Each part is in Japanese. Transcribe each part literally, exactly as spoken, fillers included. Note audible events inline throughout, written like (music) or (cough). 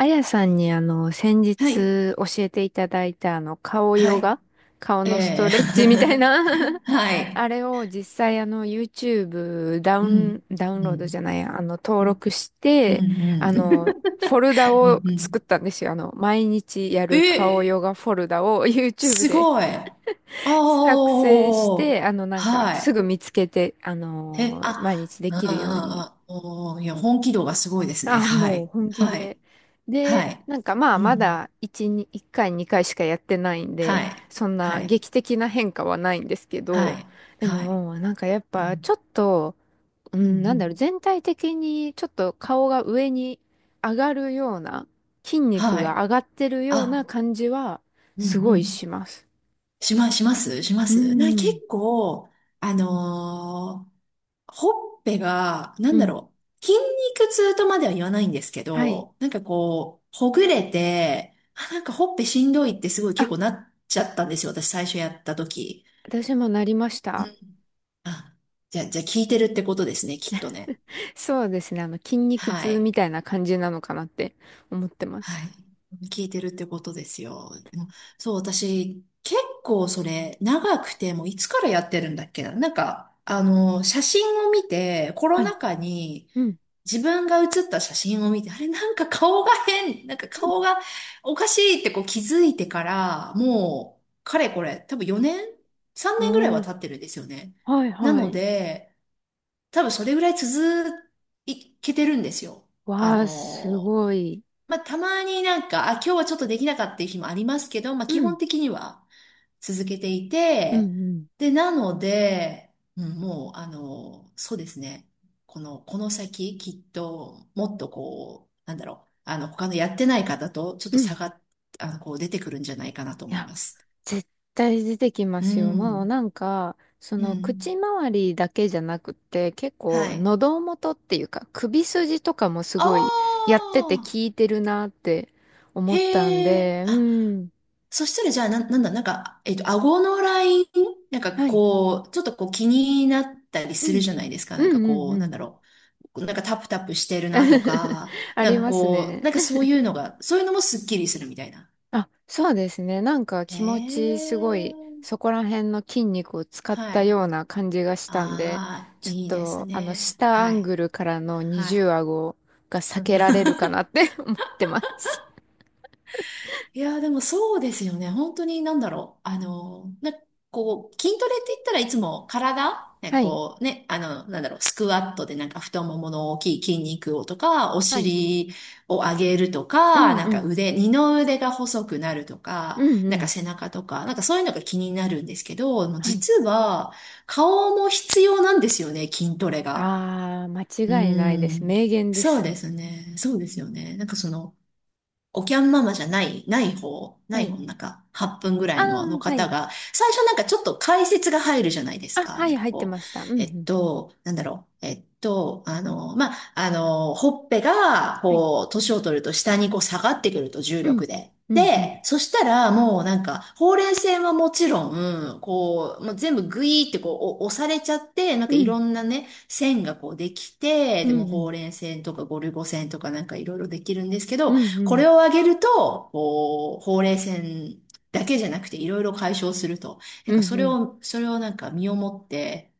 あやさんにあの、先はい。日教えていただいたあの、顔はヨい。ガ、顔えのストえ レッチみたいな (laughs) は (laughs) い。あれを実際あの、YouTube ダうウン、ん。ダウンうロードじん。ゃないや、あの、登録しうん。うて、ん。あの、フォルダうんをう作っん、たんですよ。あの、毎日やる顔ヨえ、ガフォルダを YouTube すで ごい。(laughs) 作成しおて、ー。あの、なんか、すはぐ見つけて、あい。え、の、毎あ、日であきるように。あ、あ、おー、いや、本気度がすごいですね。あ、はもうい。本気はで。い。はで、い。なんかまあうまん。だいち、にいっかいにかいしかやってないんはで、い。そんなはい。劇的な変化はないんですけど、はい。ではい。もなんかやっうぱちん。ょっと、ううん。ん、なうんだろう、ん。全体的にちょっと顔が上に上がるような、筋肉はい。が上がってるようなあ、感じはうん。すうごいん。します。しま、しますしまうす、な、結ん、構、あのーほっぺが、なうんだん、ろう、筋肉痛とまでは言わないんですけはい。ど、なんかこう、ほぐれて、あ、なんかほっぺしんどいってすごい結あ、構なっちゃったんですよ、私最初やった時。私もなりましうた。ん。あ、じゃあ、じゃあ聞いてるってことですね、きっとね。そうですね、あの筋肉は痛い。みたいな感じなのかなって思ってます。はい。聞いてるってことですよ。でもそう、私、結構それ、長くて、もういつからやってるんだっけな。なんか、あの、写真を見て、コロはい。ナ禍に、うん。自分が写った写真を見て、あれなんか顔が変、なんか顔がおかしいってこう気づいてから、もう、かれこれ、多分よねん ?さんねん 年ぐらいおはお、経ってるんですよね。はいなはのい。で、多分それぐらい続いけてるんですよ。あわのあ、すーごい。まあ、たまになんか、あ、今日はちょっとできなかったっていう日もありますけど、まあ、う基本ん、的には。続けていうん、うて、ん、で、なので、うん、もう、あの、そうですね。この、この先、きっと、もっとこう、なんだろう、あの、他のやってない方と、ちょっうとん。差が、あの、こう、出てくるんじゃないかなとい思いや、ます。絶対出てきまうすよ。もうん。なんか、そうの、ん。口周りだけじゃなくて、結は構、い。喉元っていうか、首筋とかもすあごい、やってて効あ、いてるなって思ったんへえ。で、うあ、ん。そしたら、じゃあ、な、なんだ、なんか、えっと、顎のラインなんかはい。こう、ちょっとこう気になったりうするじゃん、ないですか。うなんかん、うん、うん。こうう、なんん だろう。なんかタプタプしてるなと (laughs) か、あなんりかますこう、ね。なんかそういうのが、そういうのもスッキリするみたいな。あ、そうですね。なんかえ気持ちすごい、そえ。こら辺の筋肉を使っはたい。ような感じがしたんで、ああ、ちょっいいですと、あの、ね。下アはンい。グルからの二はい。重顎が避うん けられるかな (laughs) って (laughs) 思ってます。いやー、でもそうですよね。本当になんだろう。あのー、な、こう、筋トレって言ったらいつも体、ね、はい。こうね、あの、なんだろう、スクワットでなんか太ももの大きい筋肉をとか、おはい。尻を上げるとうか、んなんうかん。腕、二の腕が細くなるとうか、んうなんかん。背中とか、なんかそういうのが気になるんですけど、もうはい。実は顔も必要なんですよね、筋トレが。あー、う間違いないでーす。ん。名言でそうす。ですね。そうですよね。なんかその、おきゃんママじゃない、ない方、なはいい。方の中、はっぷんぐらあいのあのー、は方い。が、最初なんかちょっと解説が入るじゃないですあ、か。はなんい、か入ってこました。うんうう、えっん。と、なんだろう。えっと、あの、まあ、あの、ほっぺが、はい。こう、年を取ると下にこう下がってくると重うん。力で。うんうで、ん。そしたらもうなんか、ほうれい線はもちろん、こう、もう全部グイーってこうお押されちゃって、なんかういん。ろんなね、線がこうできて、うでもんうん。ほうれい線とかゴルゴ線とかなんかいろいろできるんですけうど、んうこん。れをあげると、こう、ほうれい線だけじゃなくていろいろ解消すると。なうんかんそうれん。を、それをなんか身をもって、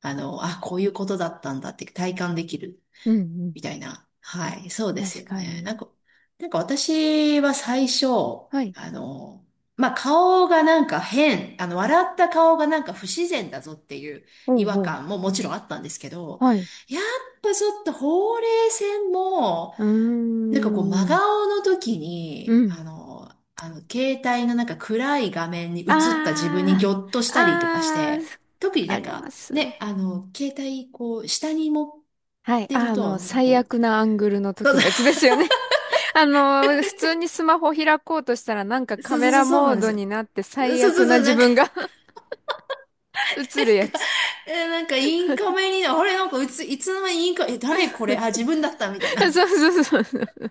あの、あ、こういうことだったんだって体感できるうんうん。みたいな。はい、そうです確よかね。なに。んか、なんか私は最初、はい、あの、まあ、顔がなんか変、あの、笑った顔がなんか不自然だぞっていうお違う和おう。感ももちろんあったんですけど、はい。やっぱちょっとほうれい線も、うーなんかこう、真ん。顔の時うに、ん。あの、あの、携帯のなんか暗い画面に映った自分にあギョッとあ、したりとかしあて、特にあ、あなんりまか、ね、す。あの、携帯、こう、下に持っはい。てるあと、の、なんか最こ悪う、なアングルのそう時のやつですよね。(laughs) あの、普通にスマホ開こうとしたらなんかカそうメそうそラうそうモなーんでドすよ。になってそう最そ悪うなそう、自なんか、分が なん (laughs) 映るやか、つ。え、なんかインカメにな、あれ、なんかいつ、いつの間にインカメ、え、誰これ、あ、自分だったみたい (laughs) な。そうそうそうそう。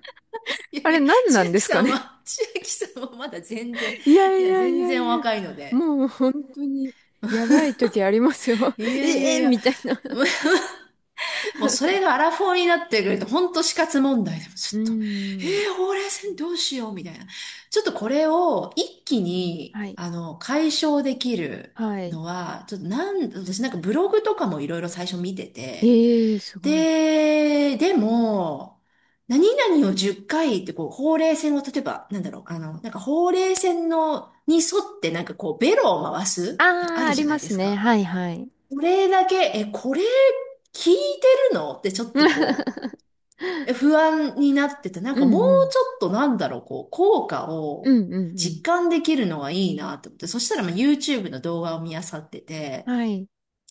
いやあいれや、何な千んで秋すかさんね。は、千秋さんはまだ全然、いやいいや、やい全や然いおや。若いので。もう本当にやばい時ありますよ。(laughs) い (laughs) やいやえいえや、みたいな。(laughs) (laughs) もうそれがアラフォーになってくると、ほんと死活問題でもうちょーっと、えん。ー、ほうれい線どうしようみたいな。ちょっとこれを一気に、はい。あの、解消できるはい。のは、ちょっとなん、私なんかブログとかもいろいろ最初見てて、ええすごい。で、でも、何々をじゅっかいっかいってこう、ほうれい線を例えば、なんだろう、あの、なんかほうれい線の、に沿ってなんかこう、ベロを回す、あああ、るあじりゃなまいですすね。か。はいはい。これだけ、え、これ聞いてるのってちょっとこ (laughs) う、え不安になってて、なんうかもうちんうん。ょっとなんだろう、こう、効果うをんうんうん。実感できるのがいいなと思って、そしたらまあ YouTube の動画を見漁ってて、はい。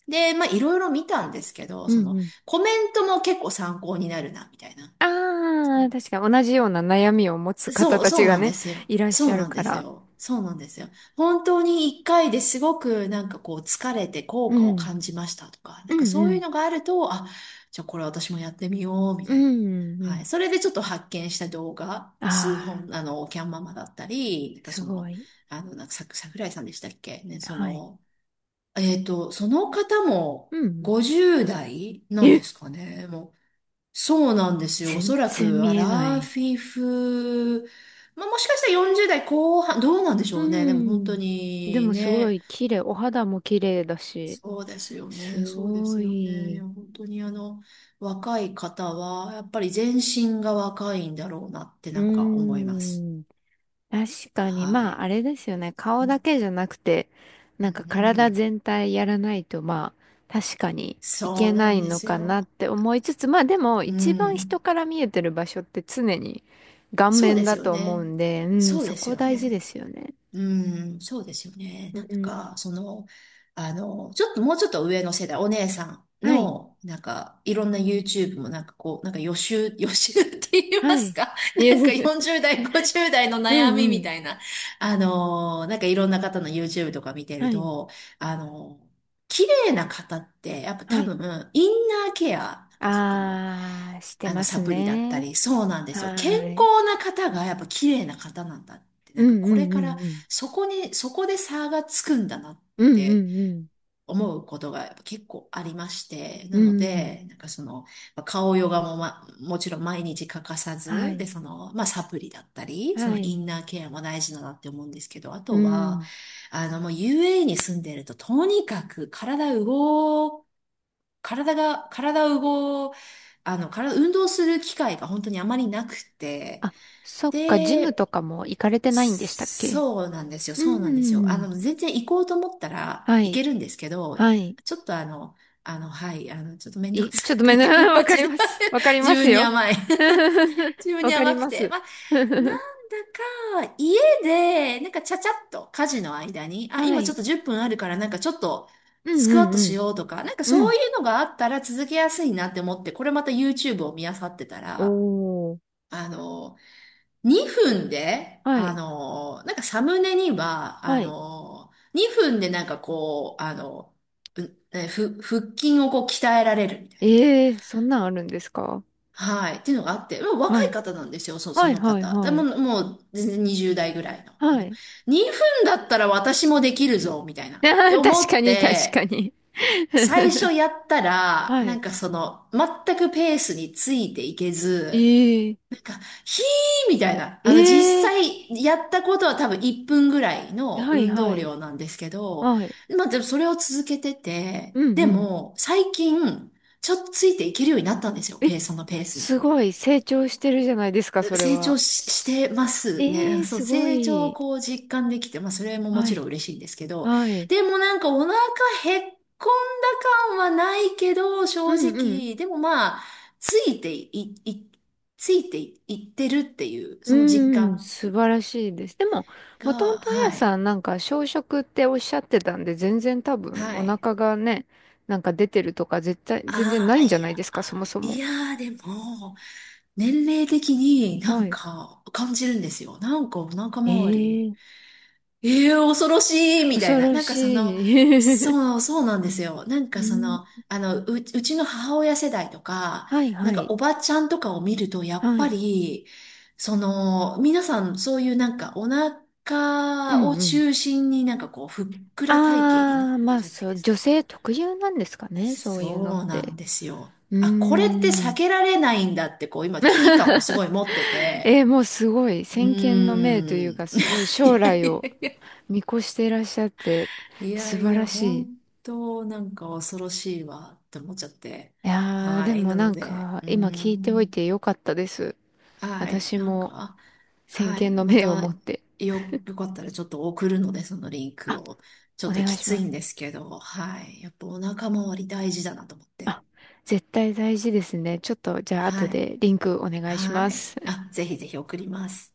で、まあいろいろ見たんですけど、うんそうのん。コメントも結構参考になるな、みたいな。ああ、確か同じような悩みを持つ方そう、たそちうがなんでね、すよ。いらっしそゃうるなんかですら。よ。そうなんですよ。本当に一回ですごくなんかこう疲れて効う果をん。感じましたとか、なうんかんうそういうん。のがあると、あ、じゃあこれ私もやってみようみうたんいうな。んうはい。ん。それでちょっと発見した動画、あ数あ、本、あの、キャンママだったり、なんかすそごの、い。あの、なんかさ、桜井さんでしたっけね、そはい。の、えっと、その方もうんうん。ごじゅう代なんでえ、すかね。もうそうなんですよ。お全そら然く、ア見えなラい。フィフ、まあ、もしかしたらよんじゅう代後半、どうなんでしうょうね。でも本当ん。でにもすごね、い綺麗。お肌も綺麗だし。そうですよね。すそうですごよね。いや、い。本当にあの、若い方は、やっぱり全身が若いんだろうなってうなんか思います。ん。確かに、はまあ、い。あれですよね。う顔だんけじゃなくて、うんなんかうんう体ん、全体やらないと、まあ、確かにいそけうななんいでのすかなっよ。て思いつつ、まあでも、う一番人ん。から見えてる場所って常に顔そう面ですだよと思うね。んで、うん、そうそですこよ大事でね。すよね。うん、そうですよね。うなんんだうん。か、その、あの、ちょっともうちょっと上の世代、お姉さんはい、の、なんか、いろんな YouTube もなんかこう、なんか予習、(laughs) 予習って言いまはすい。か い (laughs) え なんか (laughs)、よんじゅう代、ごじゅう代のう悩みんうみん。たいな、あの、なんかいろんな方の YouTube とか見てるはい、と、あの、綺麗な方って、やっぱは多い。分、インナーケア、なんかその、あー、してあの、まサすプリだったね。り、そうなんではすよ。健ーい。康な方がやっぱ綺麗な方なんだって、うなんかんうこれんうからんうん。そこに、そこで差がつくんだなっうんうてんう思うことがやっぱ結構ありまして、ん。なうのん。で、なんかその、まあ顔ヨガも、ま、もちろん毎日欠かさはず、で、い。その、まあ、サプリだったり、そはのイい。ンナーケアも大事だなって思うんですけど、あうとは、ん。あの、もう ユーエーイー に住んでると、とにかく体動、体が、体動、あの、体、運動する機会が本当にあまりなくて、あ、そっか、ジムとで、かも行かれてないんでしたっけ？そうなんですよ、うそうなんですよ。あん。の、全然行こうと思ったらは行い。けるんですけど、はい。ちょっとあの、あの、はい、あの、ちょっとめんどくい、さちょっとめくんて、(laughs) な、(laughs) わか私、ります。わかり自ます分によ。甘い。(laughs) (laughs) 自分わにかり甘くまて。す。まあ、(laughs) なんだか、家で、なんかちゃちゃっと家事の間に、あ、は今ちょい。っとじゅっぷんあるから、なんかちょっと、うんスクワットうしんようとか、なんかうん。うそうん。いうのがあったら続けやすいなって思って、これまた YouTube を見漁ってたら、おー。あの、にふんで、はあい。のー、なんかサムネには、はあい。のー、にふんでなんかこう、あの、うえふ、腹筋をこう鍛えられるみたいな。ええー、そんなんあるんですか？はい。っていうのがあって、もうは若いい。方なんですよ、そ、そはいのはい方。ではも、い。もう全然にじゅう代ぐらいの。はでもい。にふんだったら私もできるぞ、みたいな。(laughs) っあてー、確思かっに確かて、に。最初やった (laughs) ら、はなんい。かその、全くペースについていけえず、えー。なんか、ひーみたいな。あえの、実え際やったことは多分いっぷんぐらいー。のはい運は動い。量なんですけど、はい。まあでもそれを続けてうて、んでうん、も最近、ちょっとついていけるようになったんですよ、ペース、そのペースに。すごい成長してるじゃないですか、それ成は。長し、してますね。なええんかー、そう、すご成長をい。こう実感できて、まあそれももはちい。ろん嬉しいんですけど、はい。でもなんかお腹へっこんだ感はないけど、う正んうん。直、でもまあ、ついてい、い、ついてい、いってるっていう、うその実んうん、感素晴らしいです。でも、もとが、もとあはやい、さんなんか小食っておっしゃってたんで、全然多分はおい。腹がね、なんか出てるとか絶対、全然あないあ、んじゃいないでや、すか、そもあそーいも。やー、でも、年齢的になはんい。か感じるんですよ。なんかお腹え周えり。ー、ええ恐ろしいみた恐いな。ろなんかその、しい。そう、そうなんですよ。なん (laughs) かそうの、ん、あの、う、うちの母親世代とか、はいなはんかい。おばちゃんとかを見ると、やっはぱい。り、その、皆さんそういうなんかおう腹をんうん。中心になんかこう、ふっくら体型になああ、まるあじゃないそでう、す女か。性特有なんですかね、そういうのっそうなんて。ですよ。うーあ、これって避ん。けられないんだって、こう、今危機感をすごい持ってて。えー、もうすごい、う先見の明というーか、ん。すごい将来を (laughs) 見越していらっしゃって、いや素い晴や、らしい。本当なんか恐ろしいわって思っちゃって。いやー、はでい。もななのんで、か、うー今聞いておいん。てよかったです。はい。私なんもか、先はい。見のま明をた、持って。よ、よかったらちょっと送るので、そのリンクあ、を。ちょおっと願きいしつまいんす。ですけど、はい。やっぱお腹周り大事だなと思って。あ、絶対大事ですね。ちょっと、じゃあ後はい。でリンクお願いしまはい。す。あ、ぜひぜひ送ります。